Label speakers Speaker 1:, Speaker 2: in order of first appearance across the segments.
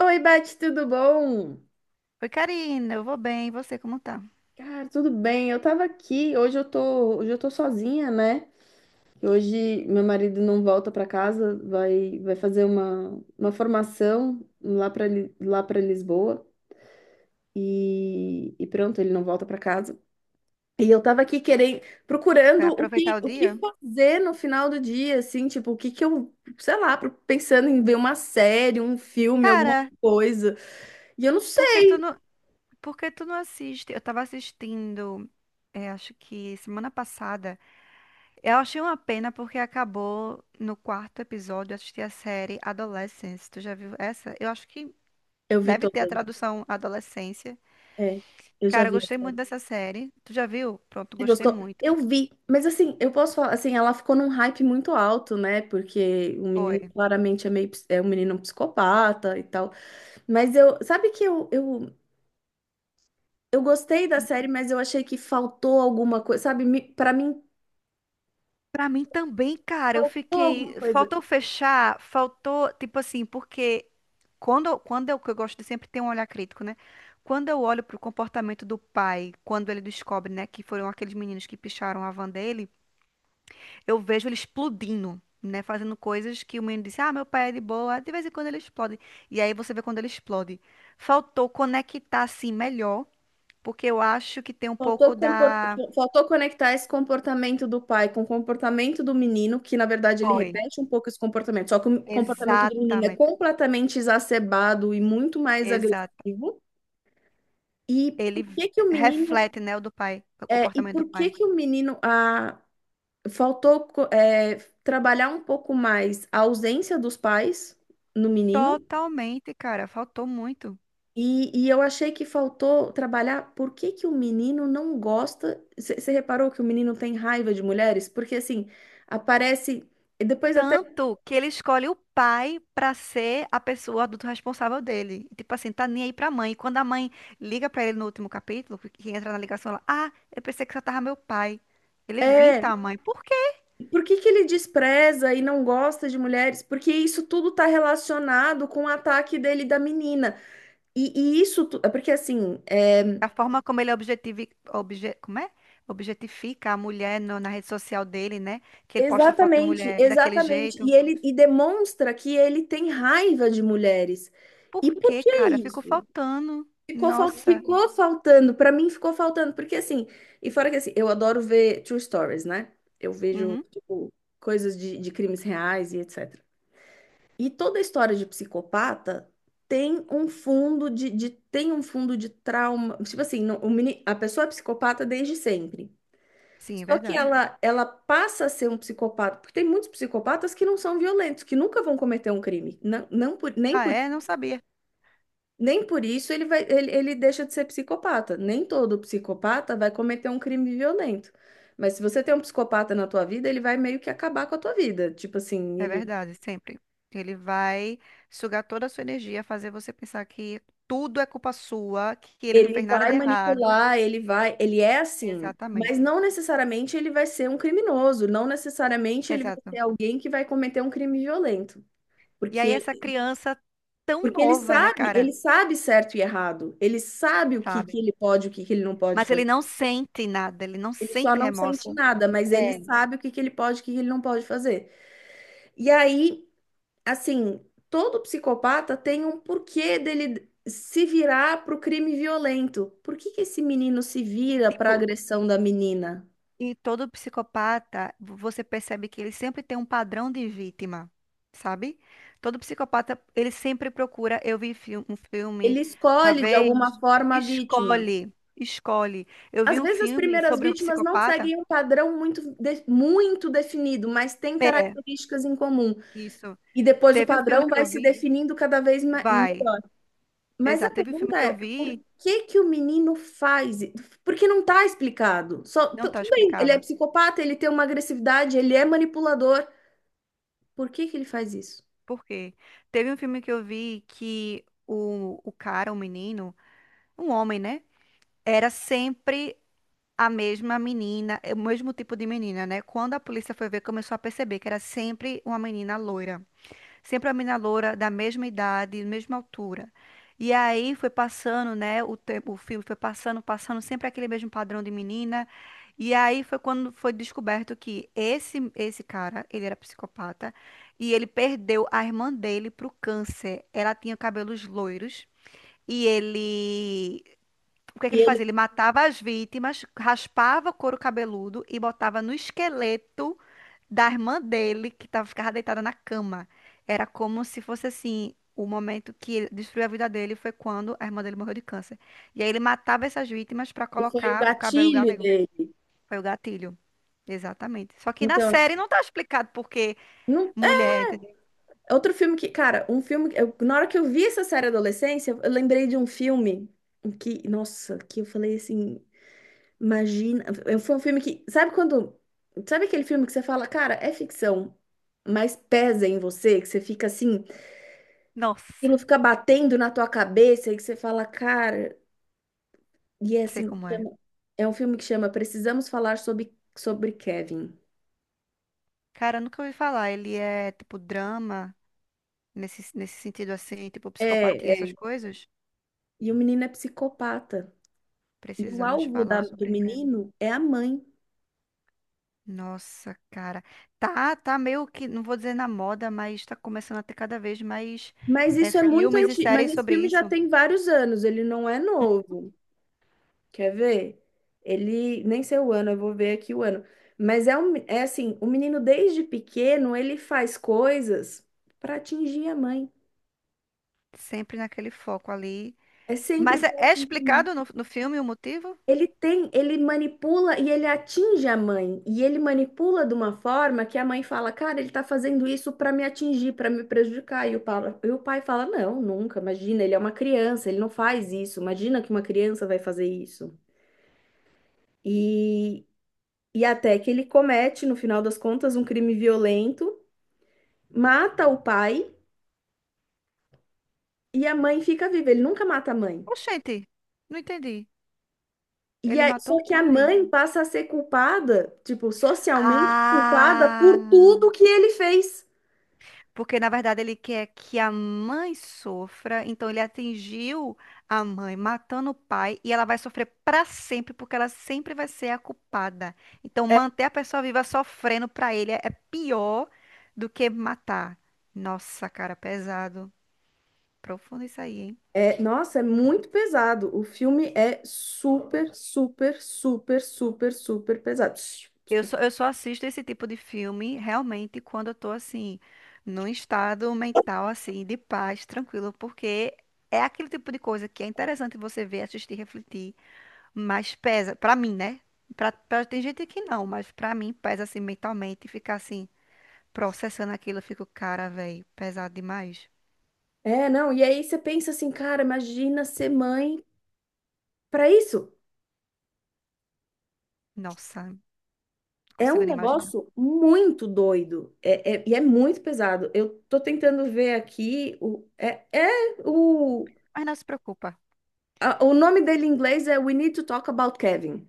Speaker 1: Oi, Beth, tudo bom?
Speaker 2: Oi, Karina, eu vou bem, e você como tá?
Speaker 1: Cara, tudo bem. Eu tava aqui, hoje eu tô sozinha, né? Hoje meu marido não volta pra casa, vai fazer uma formação lá lá para Lisboa e pronto, ele não volta pra casa. E eu tava aqui querendo,
Speaker 2: Vai
Speaker 1: procurando
Speaker 2: aproveitar o
Speaker 1: o
Speaker 2: dia?
Speaker 1: que fazer no final do dia, assim, tipo, o que que eu, sei lá, pensando em ver uma série, um filme, alguma
Speaker 2: Cara,
Speaker 1: coisa. E eu não
Speaker 2: por que
Speaker 1: sei.
Speaker 2: tu não, por que tu não assiste? Eu tava assistindo, acho que semana passada. Eu achei uma pena porque acabou no quarto episódio, eu assisti a série Adolescence. Tu já viu essa? Eu acho que
Speaker 1: Eu vi
Speaker 2: deve ter a
Speaker 1: todas, né?
Speaker 2: tradução Adolescência.
Speaker 1: É, eu já
Speaker 2: Cara, eu
Speaker 1: vi.
Speaker 2: gostei muito dessa série. Tu já viu? Pronto,
Speaker 1: Você
Speaker 2: gostei
Speaker 1: gostou?
Speaker 2: muito.
Speaker 1: Eu vi, mas assim, eu posso falar, assim, ela ficou num hype muito alto, né? Porque o menino
Speaker 2: Foi.
Speaker 1: claramente é é um menino psicopata e tal. Mas eu, sabe que eu gostei da série, mas eu achei que faltou alguma coisa, sabe? Pra mim,
Speaker 2: Pra mim também, cara, eu
Speaker 1: faltou alguma
Speaker 2: fiquei.
Speaker 1: coisa.
Speaker 2: Faltou fechar, faltou, tipo assim, porque que eu gosto de sempre ter um olhar crítico, né? Quando eu olho pro comportamento do pai, quando ele descobre, né, que foram aqueles meninos que picharam a van dele, eu vejo ele explodindo, né? Fazendo coisas que o menino disse, ah, meu pai é de boa, de vez em quando ele explode. E aí você vê quando ele explode. Faltou conectar assim melhor, porque eu acho que tem um pouco
Speaker 1: Faltou, compor-
Speaker 2: da.
Speaker 1: faltou conectar esse comportamento do pai com o comportamento do menino, que na verdade ele
Speaker 2: Foi.
Speaker 1: repete um pouco esse comportamento, só que o comportamento do menino é
Speaker 2: Exatamente.
Speaker 1: completamente exacerbado e muito mais
Speaker 2: Exato.
Speaker 1: agressivo. E por
Speaker 2: Ele
Speaker 1: que que o menino
Speaker 2: reflete, né, o do pai, o
Speaker 1: É, e
Speaker 2: comportamento do
Speaker 1: por que
Speaker 2: pai.
Speaker 1: que o menino faltou co- é, trabalhar um pouco mais a ausência dos pais no menino?
Speaker 2: Totalmente, cara, faltou muito.
Speaker 1: E eu achei que faltou trabalhar por que que o menino não gosta. Você reparou que o menino tem raiva de mulheres? Porque assim, aparece. E depois até.
Speaker 2: Tanto que ele escolhe o pai pra ser a pessoa, o adulto responsável dele. Tipo assim, tá nem aí pra mãe. Quando a mãe liga pra ele no último capítulo, que entra na ligação, ela, ah, eu pensei que você tava meu pai. Ele
Speaker 1: É,
Speaker 2: evita a mãe. Por quê?
Speaker 1: por que que ele despreza e não gosta de mulheres? Porque isso tudo tá relacionado com o ataque dele da menina. E, e isso, tu- é porque assim, é,
Speaker 2: A forma como ele como é? Objetifica a mulher na rede social dele, né? Que ele posta foto de
Speaker 1: Exatamente,
Speaker 2: mulher daquele
Speaker 1: exatamente. E
Speaker 2: jeito.
Speaker 1: ele e demonstra que ele tem raiva de mulheres. E
Speaker 2: Por
Speaker 1: por
Speaker 2: quê,
Speaker 1: que
Speaker 2: cara? Ficou
Speaker 1: isso?
Speaker 2: faltando. Nossa.
Speaker 1: Ficou faltando, para mim ficou faltando, porque assim, e fora que assim, eu adoro ver true stories, né? Eu vejo,
Speaker 2: Uhum.
Speaker 1: tipo, coisas de crimes reais e etc. E toda história de psicopata tem um fundo tem um fundo de trauma. Tipo assim, a pessoa é psicopata desde sempre.
Speaker 2: Sim, é
Speaker 1: Só que
Speaker 2: verdade.
Speaker 1: ela passa a ser um psicopata, porque tem muitos psicopatas que não são violentos, que nunca vão cometer um crime.
Speaker 2: Ah, é? Não sabia.
Speaker 1: Nem por isso ele deixa de ser psicopata. Nem todo psicopata vai cometer um crime violento. Mas se você tem um psicopata na tua vida, ele vai meio que acabar com a tua vida. Tipo assim,
Speaker 2: É verdade, sempre. Ele vai sugar toda a sua energia, fazer você pensar que tudo é culpa sua, que ele não
Speaker 1: ele
Speaker 2: fez nada
Speaker 1: vai
Speaker 2: de errado.
Speaker 1: manipular, ele é assim. Mas
Speaker 2: Exatamente.
Speaker 1: não necessariamente ele vai ser um criminoso, não necessariamente ele vai ser
Speaker 2: Exato.
Speaker 1: alguém que vai cometer um crime violento.
Speaker 2: E aí
Speaker 1: porque
Speaker 2: essa criança tão
Speaker 1: Porque
Speaker 2: nova, né, cara?
Speaker 1: ele sabe certo e errado. Ele sabe o que que
Speaker 2: Sabe?
Speaker 1: ele pode, o que que ele não pode
Speaker 2: Mas
Speaker 1: fazer.
Speaker 2: ele não sente nada, ele não
Speaker 1: Ele só
Speaker 2: sente
Speaker 1: não sente
Speaker 2: remorso.
Speaker 1: nada, mas ele
Speaker 2: É.
Speaker 1: sabe o que que ele pode, o que que ele não pode fazer. E aí, assim, todo psicopata tem um porquê dele se virar pro crime violento. Por que que esse menino se
Speaker 2: E,
Speaker 1: vira pra
Speaker 2: tipo,
Speaker 1: agressão da menina?
Speaker 2: E todo psicopata, você percebe que ele sempre tem um padrão de vítima, sabe? Todo psicopata, ele sempre procura. Eu vi um
Speaker 1: Ele
Speaker 2: filme uma
Speaker 1: escolhe de alguma
Speaker 2: vez.
Speaker 1: forma a vítima.
Speaker 2: Escolhe, escolhe. Eu
Speaker 1: Às
Speaker 2: vi um
Speaker 1: vezes as
Speaker 2: filme
Speaker 1: primeiras
Speaker 2: sobre um
Speaker 1: vítimas não
Speaker 2: psicopata.
Speaker 1: seguem um padrão muito definido, mas têm
Speaker 2: É,
Speaker 1: características em comum.
Speaker 2: isso.
Speaker 1: E depois o
Speaker 2: Teve um filme
Speaker 1: padrão
Speaker 2: que
Speaker 1: vai
Speaker 2: eu
Speaker 1: se
Speaker 2: vi,
Speaker 1: definindo cada vez mais.
Speaker 2: vai.
Speaker 1: Mas a
Speaker 2: Exato, teve um filme
Speaker 1: pergunta
Speaker 2: que eu
Speaker 1: é, por
Speaker 2: vi,
Speaker 1: que que o menino faz? Porque não está explicado.
Speaker 2: não tá
Speaker 1: Tudo bem, ele é
Speaker 2: explicado.
Speaker 1: psicopata, ele tem uma agressividade, ele é manipulador. Por que que ele faz isso?
Speaker 2: Por quê? Teve um filme que eu vi que o cara, o menino, um homem, né? Era sempre a mesma menina, é o mesmo tipo de menina, né? Quando a polícia foi ver, começou a perceber que era sempre uma menina loira. Sempre uma menina loira da mesma idade, mesma altura. E aí foi passando, né? O tempo, o filme foi passando, passando, sempre aquele mesmo padrão de menina. E aí foi quando foi descoberto que esse cara, ele era psicopata e ele perdeu a irmã dele pro câncer. Ela tinha cabelos loiros e ele o que é que
Speaker 1: E
Speaker 2: ele
Speaker 1: ele
Speaker 2: fazia? Ele matava as vítimas, raspava o couro cabeludo e botava no esqueleto da irmã dele, que ficava deitada na cama. Era como se fosse assim, o momento que ele destruiu a vida dele foi quando a irmã dele morreu de câncer. E aí ele matava essas vítimas para
Speaker 1: foi o
Speaker 2: colocar o cabelo
Speaker 1: gatilho
Speaker 2: galego.
Speaker 1: dele.
Speaker 2: Foi o gatilho. Exatamente. Só que na
Speaker 1: Então, assim,
Speaker 2: série não tá explicado por que
Speaker 1: não,
Speaker 2: mulher, entendeu?
Speaker 1: é outro filme um filme, na hora que eu vi essa série Adolescência, eu lembrei de um filme que, nossa, que eu falei assim, imagina, foi um filme que, sabe quando, sabe aquele filme que você fala, cara, é ficção, mas pesa em você, que você fica assim,
Speaker 2: Nossa,
Speaker 1: aquilo fica batendo na tua cabeça e que você fala, cara, e é
Speaker 2: sei
Speaker 1: assim,
Speaker 2: como é.
Speaker 1: é um filme que chama Precisamos Falar sobre Kevin.
Speaker 2: Cara, eu nunca ouvi falar. Ele é tipo drama, nesse sentido assim, tipo psicopatia,
Speaker 1: É,
Speaker 2: essas
Speaker 1: é,
Speaker 2: coisas.
Speaker 1: e o menino é psicopata. E o
Speaker 2: Precisamos falar
Speaker 1: do
Speaker 2: sobre Kevin.
Speaker 1: menino é a mãe.
Speaker 2: Nossa, cara. Tá. Tá meio que, não vou dizer na moda, mas tá começando a ter cada vez mais
Speaker 1: Mas isso é muito
Speaker 2: filmes e
Speaker 1: antigo, mas
Speaker 2: séries
Speaker 1: esse
Speaker 2: sobre
Speaker 1: filme já
Speaker 2: isso.
Speaker 1: tem vários anos, ele não é
Speaker 2: Hum.
Speaker 1: novo. Quer ver? Nem sei o ano, eu vou ver aqui o ano. Mas é, é assim, o menino desde pequeno, ele faz coisas para atingir a mãe.
Speaker 2: Sempre naquele foco ali.
Speaker 1: É
Speaker 2: Mas
Speaker 1: sempre
Speaker 2: é,
Speaker 1: para
Speaker 2: é
Speaker 1: atingir a mãe.
Speaker 2: explicado no filme o motivo?
Speaker 1: Ele manipula e ele atinge a mãe. E ele manipula de uma forma que a mãe fala, cara, ele tá fazendo isso para me atingir, para me prejudicar. E o pai fala, não, nunca, imagina, ele é uma criança, ele não faz isso. Imagina que uma criança vai fazer isso. E, e até que ele comete, no final das contas, um crime violento, mata o pai e a mãe fica viva. Ele nunca mata a mãe.
Speaker 2: Oxente, não entendi.
Speaker 1: E
Speaker 2: Ele
Speaker 1: aí,
Speaker 2: matou
Speaker 1: só
Speaker 2: o
Speaker 1: que a
Speaker 2: pai.
Speaker 1: mãe passa a ser culpada, tipo, socialmente culpada por
Speaker 2: Ah!
Speaker 1: tudo que ele fez.
Speaker 2: Porque, na verdade, ele quer que a mãe sofra, então ele atingiu a mãe matando o pai e ela vai sofrer para sempre, porque ela sempre vai ser a culpada. Então,
Speaker 1: É,
Speaker 2: manter a pessoa viva sofrendo para ele é pior do que matar. Nossa, cara, pesado. Profundo isso aí, hein?
Speaker 1: nossa, é muito pesado. O filme é super pesado.
Speaker 2: Eu só assisto esse tipo de filme realmente quando eu tô assim, num estado mental assim, de paz, tranquilo, porque é aquele tipo de coisa que é interessante você ver, assistir, refletir. Mas pesa, pra mim, né? Tem gente que não, mas pra mim pesa assim mentalmente, ficar assim, processando aquilo, eu fico, cara, velho, pesado demais.
Speaker 1: É, não, e aí você pensa assim, cara, imagina ser mãe para isso.
Speaker 2: Nossa, não
Speaker 1: É
Speaker 2: consigo
Speaker 1: um
Speaker 2: nem imaginar.
Speaker 1: negócio muito doido e é muito pesado. Eu tô tentando ver aqui o é, é o
Speaker 2: Mas não se preocupa.
Speaker 1: o nome dele em inglês é We Need to Talk About Kevin.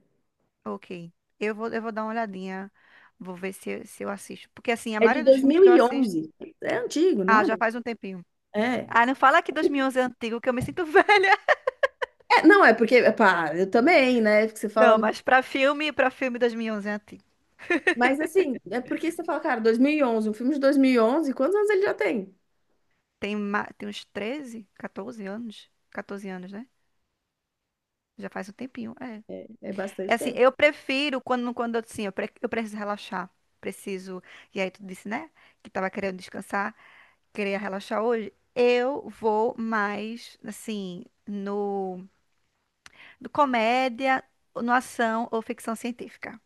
Speaker 2: Ok. Eu vou dar uma olhadinha, vou ver se eu assisto. Porque assim, a
Speaker 1: É de
Speaker 2: maioria dos filmes que eu assisto.
Speaker 1: 2011. É antigo, não
Speaker 2: Ah,
Speaker 1: é?
Speaker 2: já faz um tempinho.
Speaker 1: É,
Speaker 2: Ah, não fala que 2011 é antigo, que eu me sinto velha.
Speaker 1: É, não é porque pá, eu também, né? É porque você
Speaker 2: Não,
Speaker 1: fala,
Speaker 2: mas pra filme 2011 é antigo.
Speaker 1: mas assim, é porque você fala, cara, 2011, um filme de 2011, quantos anos ele já tem?
Speaker 2: Tem uns 13 14 anos. 14 anos, né? Já faz um tempinho, é.
Speaker 1: É
Speaker 2: É
Speaker 1: bastante
Speaker 2: assim,
Speaker 1: tempo.
Speaker 2: eu prefiro quando, quando eu preciso relaxar. Preciso. E aí tu disse, né? Que tava querendo descansar, queria relaxar hoje. Eu vou mais, assim, no comédia, no ação ou ficção científica.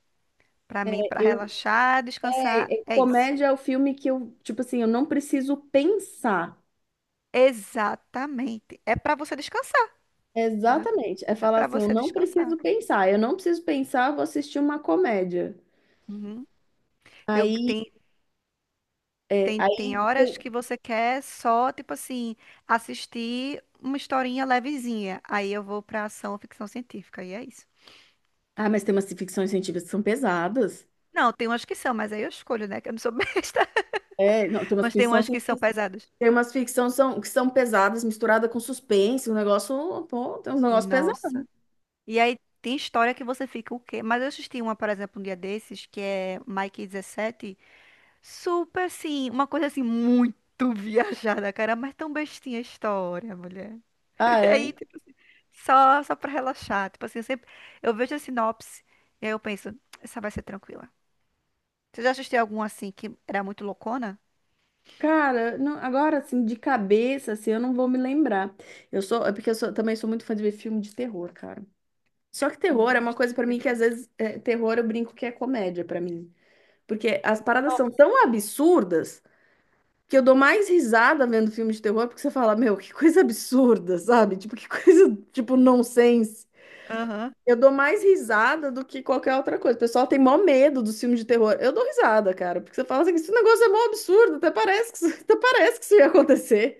Speaker 2: Pra mim, pra
Speaker 1: Eu
Speaker 2: relaxar, descansar, é isso.
Speaker 1: comédia é o filme tipo assim, eu não preciso pensar.
Speaker 2: Exatamente. É pra você descansar, entendeu?
Speaker 1: Exatamente. É
Speaker 2: É
Speaker 1: falar
Speaker 2: pra
Speaker 1: assim, eu
Speaker 2: você
Speaker 1: não
Speaker 2: descansar.
Speaker 1: preciso pensar. Eu não preciso pensar, eu vou assistir uma comédia.
Speaker 2: Uhum. Eu
Speaker 1: Aí, é,
Speaker 2: tem
Speaker 1: aí
Speaker 2: horas
Speaker 1: eu-
Speaker 2: que você quer só, tipo assim, assistir uma historinha levezinha. Aí eu vou pra ação ou ficção científica, e é isso.
Speaker 1: ah, mas tem umas ficções científicas que são pesadas.
Speaker 2: Não, tem umas que são, mas aí eu escolho, né? Que eu não sou besta.
Speaker 1: É, não, tem umas
Speaker 2: Mas tem
Speaker 1: ficções
Speaker 2: umas que são
Speaker 1: científicas,
Speaker 2: pesadas.
Speaker 1: tem umas ficções são, que são pesadas, misturada com suspense, um negócio, pô, tem uns negócios pesados.
Speaker 2: Nossa. E aí tem história que você fica o quê? Mas eu assisti uma, por exemplo, um dia desses, que é Mike 17. Super, assim, uma coisa assim, muito viajada, cara. Mas tão bestinha a história, mulher.
Speaker 1: Ah, é.
Speaker 2: Aí, só pra relaxar. Tipo assim, eu sempre eu vejo a sinopse e aí eu penso, essa vai ser tranquila. Você já assistiu algum assim que era muito loucona?
Speaker 1: Cara, não, agora assim, de cabeça, assim, eu não vou me lembrar. Eu sou, é porque eu sou- também sou muito fã de ver filme de terror, cara. Só que
Speaker 2: Não
Speaker 1: terror é uma
Speaker 2: gosto.
Speaker 1: coisa pra mim que
Speaker 2: Terror.
Speaker 1: às vezes é, terror eu brinco que é comédia pra mim. Porque as paradas são
Speaker 2: Nossa.
Speaker 1: tão absurdas que eu dou mais risada vendo filme de terror, porque você fala, meu, que coisa absurda, sabe? Tipo, que coisa, tipo, nonsense.
Speaker 2: Aham.
Speaker 1: Eu dou mais risada do que qualquer outra coisa. O pessoal tem mó medo dos filmes de terror. Eu dou risada, cara, porque você fala assim, esse negócio é mó absurdo, até parece até parece que isso ia acontecer.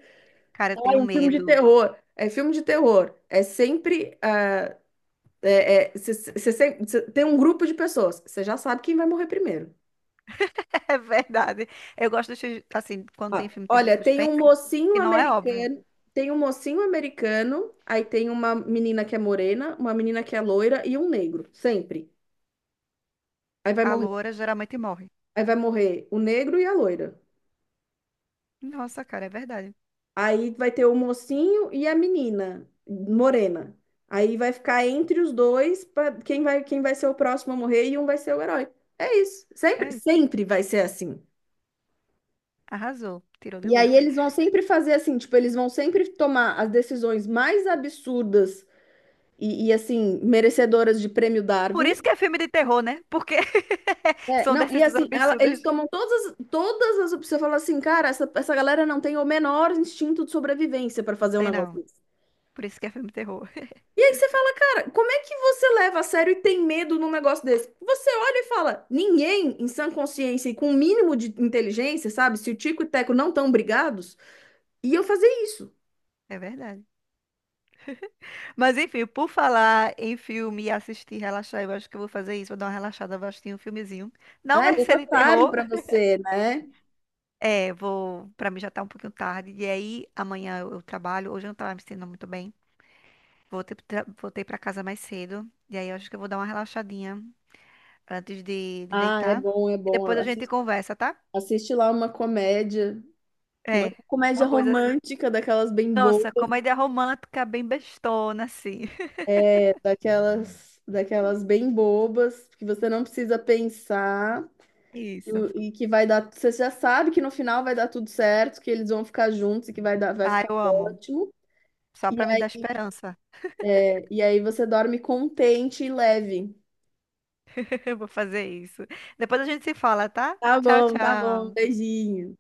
Speaker 2: Cara, eu tenho
Speaker 1: Ai, um filme de
Speaker 2: medo.
Speaker 1: terror. É filme de terror. É sempre. Ah, tem um grupo de pessoas. Você já sabe quem vai morrer primeiro.
Speaker 2: É verdade. Eu gosto dos filmes, assim, quando
Speaker 1: Ó,
Speaker 2: tem filme de terror
Speaker 1: olha,
Speaker 2: suspense, que não é óbvio.
Speaker 1: tem um mocinho americano, aí tem uma menina que é morena, uma menina que é loira e um negro, sempre. Aí vai
Speaker 2: A
Speaker 1: morrer,
Speaker 2: loura geralmente morre.
Speaker 1: aí vai morrer o negro e a loira.
Speaker 2: Nossa, cara, é verdade.
Speaker 1: Aí vai ter o mocinho e a menina morena. Aí vai ficar entre os dois pra quem vai ser o próximo a morrer e um vai ser o herói. É isso.
Speaker 2: É isso.
Speaker 1: Sempre vai ser assim.
Speaker 2: Arrasou. Tirou de
Speaker 1: E aí
Speaker 2: letra.
Speaker 1: eles vão sempre fazer assim, tipo, eles vão sempre tomar as decisões mais absurdas assim, merecedoras de prêmio
Speaker 2: Por
Speaker 1: Darwin.
Speaker 2: isso que é filme de terror, né? Porque
Speaker 1: É,
Speaker 2: são
Speaker 1: não, e
Speaker 2: decisões
Speaker 1: assim, eles
Speaker 2: absurdas.
Speaker 1: tomam todas as opções. Você fala assim, cara, essa galera não tem o menor instinto de sobrevivência para fazer um
Speaker 2: Tem
Speaker 1: negócio
Speaker 2: não.
Speaker 1: desse.
Speaker 2: Por isso que é filme de terror.
Speaker 1: E aí você fala, cara, como é que você leva a sério e tem medo num negócio desse? Você olha e fala, ninguém em sã consciência e com o mínimo de inteligência, sabe? Se o Tico e o Teco não estão brigados, ia fazer isso.
Speaker 2: É verdade. Mas enfim, por falar em filme e assistir, relaxar, eu acho que eu vou fazer isso. Vou dar uma relaxada, vou assistir um filmezinho. Não
Speaker 1: Ah,
Speaker 2: vai
Speaker 1: ele
Speaker 2: ser
Speaker 1: tá
Speaker 2: de
Speaker 1: tarde
Speaker 2: terror.
Speaker 1: para você, né?
Speaker 2: É, vou. Pra mim já tá um pouquinho tarde. E aí, amanhã eu trabalho. Hoje eu não tava me sentindo muito bem. Voltei pra casa mais cedo. E aí, eu acho que eu vou dar uma relaxadinha antes de
Speaker 1: Ah, é
Speaker 2: deitar.
Speaker 1: bom, é
Speaker 2: E
Speaker 1: bom.
Speaker 2: depois a gente
Speaker 1: Assiste,
Speaker 2: conversa, tá?
Speaker 1: assiste lá uma comédia. Uma
Speaker 2: É,
Speaker 1: comédia
Speaker 2: uma coisa assim.
Speaker 1: romântica, daquelas bem bobas,
Speaker 2: Nossa, comédia romântica bem bestona, assim.
Speaker 1: daquelas bem bobas, que você não precisa pensar
Speaker 2: Isso.
Speaker 1: e que vai dar. Você já sabe que no final vai dar tudo certo, que eles vão ficar juntos e que vai
Speaker 2: Ah,
Speaker 1: ficar
Speaker 2: eu amo.
Speaker 1: ótimo.
Speaker 2: Só
Speaker 1: E,
Speaker 2: pra me dar esperança.
Speaker 1: é, e aí você dorme contente e leve.
Speaker 2: Vou fazer isso. Depois a gente se fala, tá? Tchau,
Speaker 1: Tá bom,
Speaker 2: tchau.
Speaker 1: beijinho.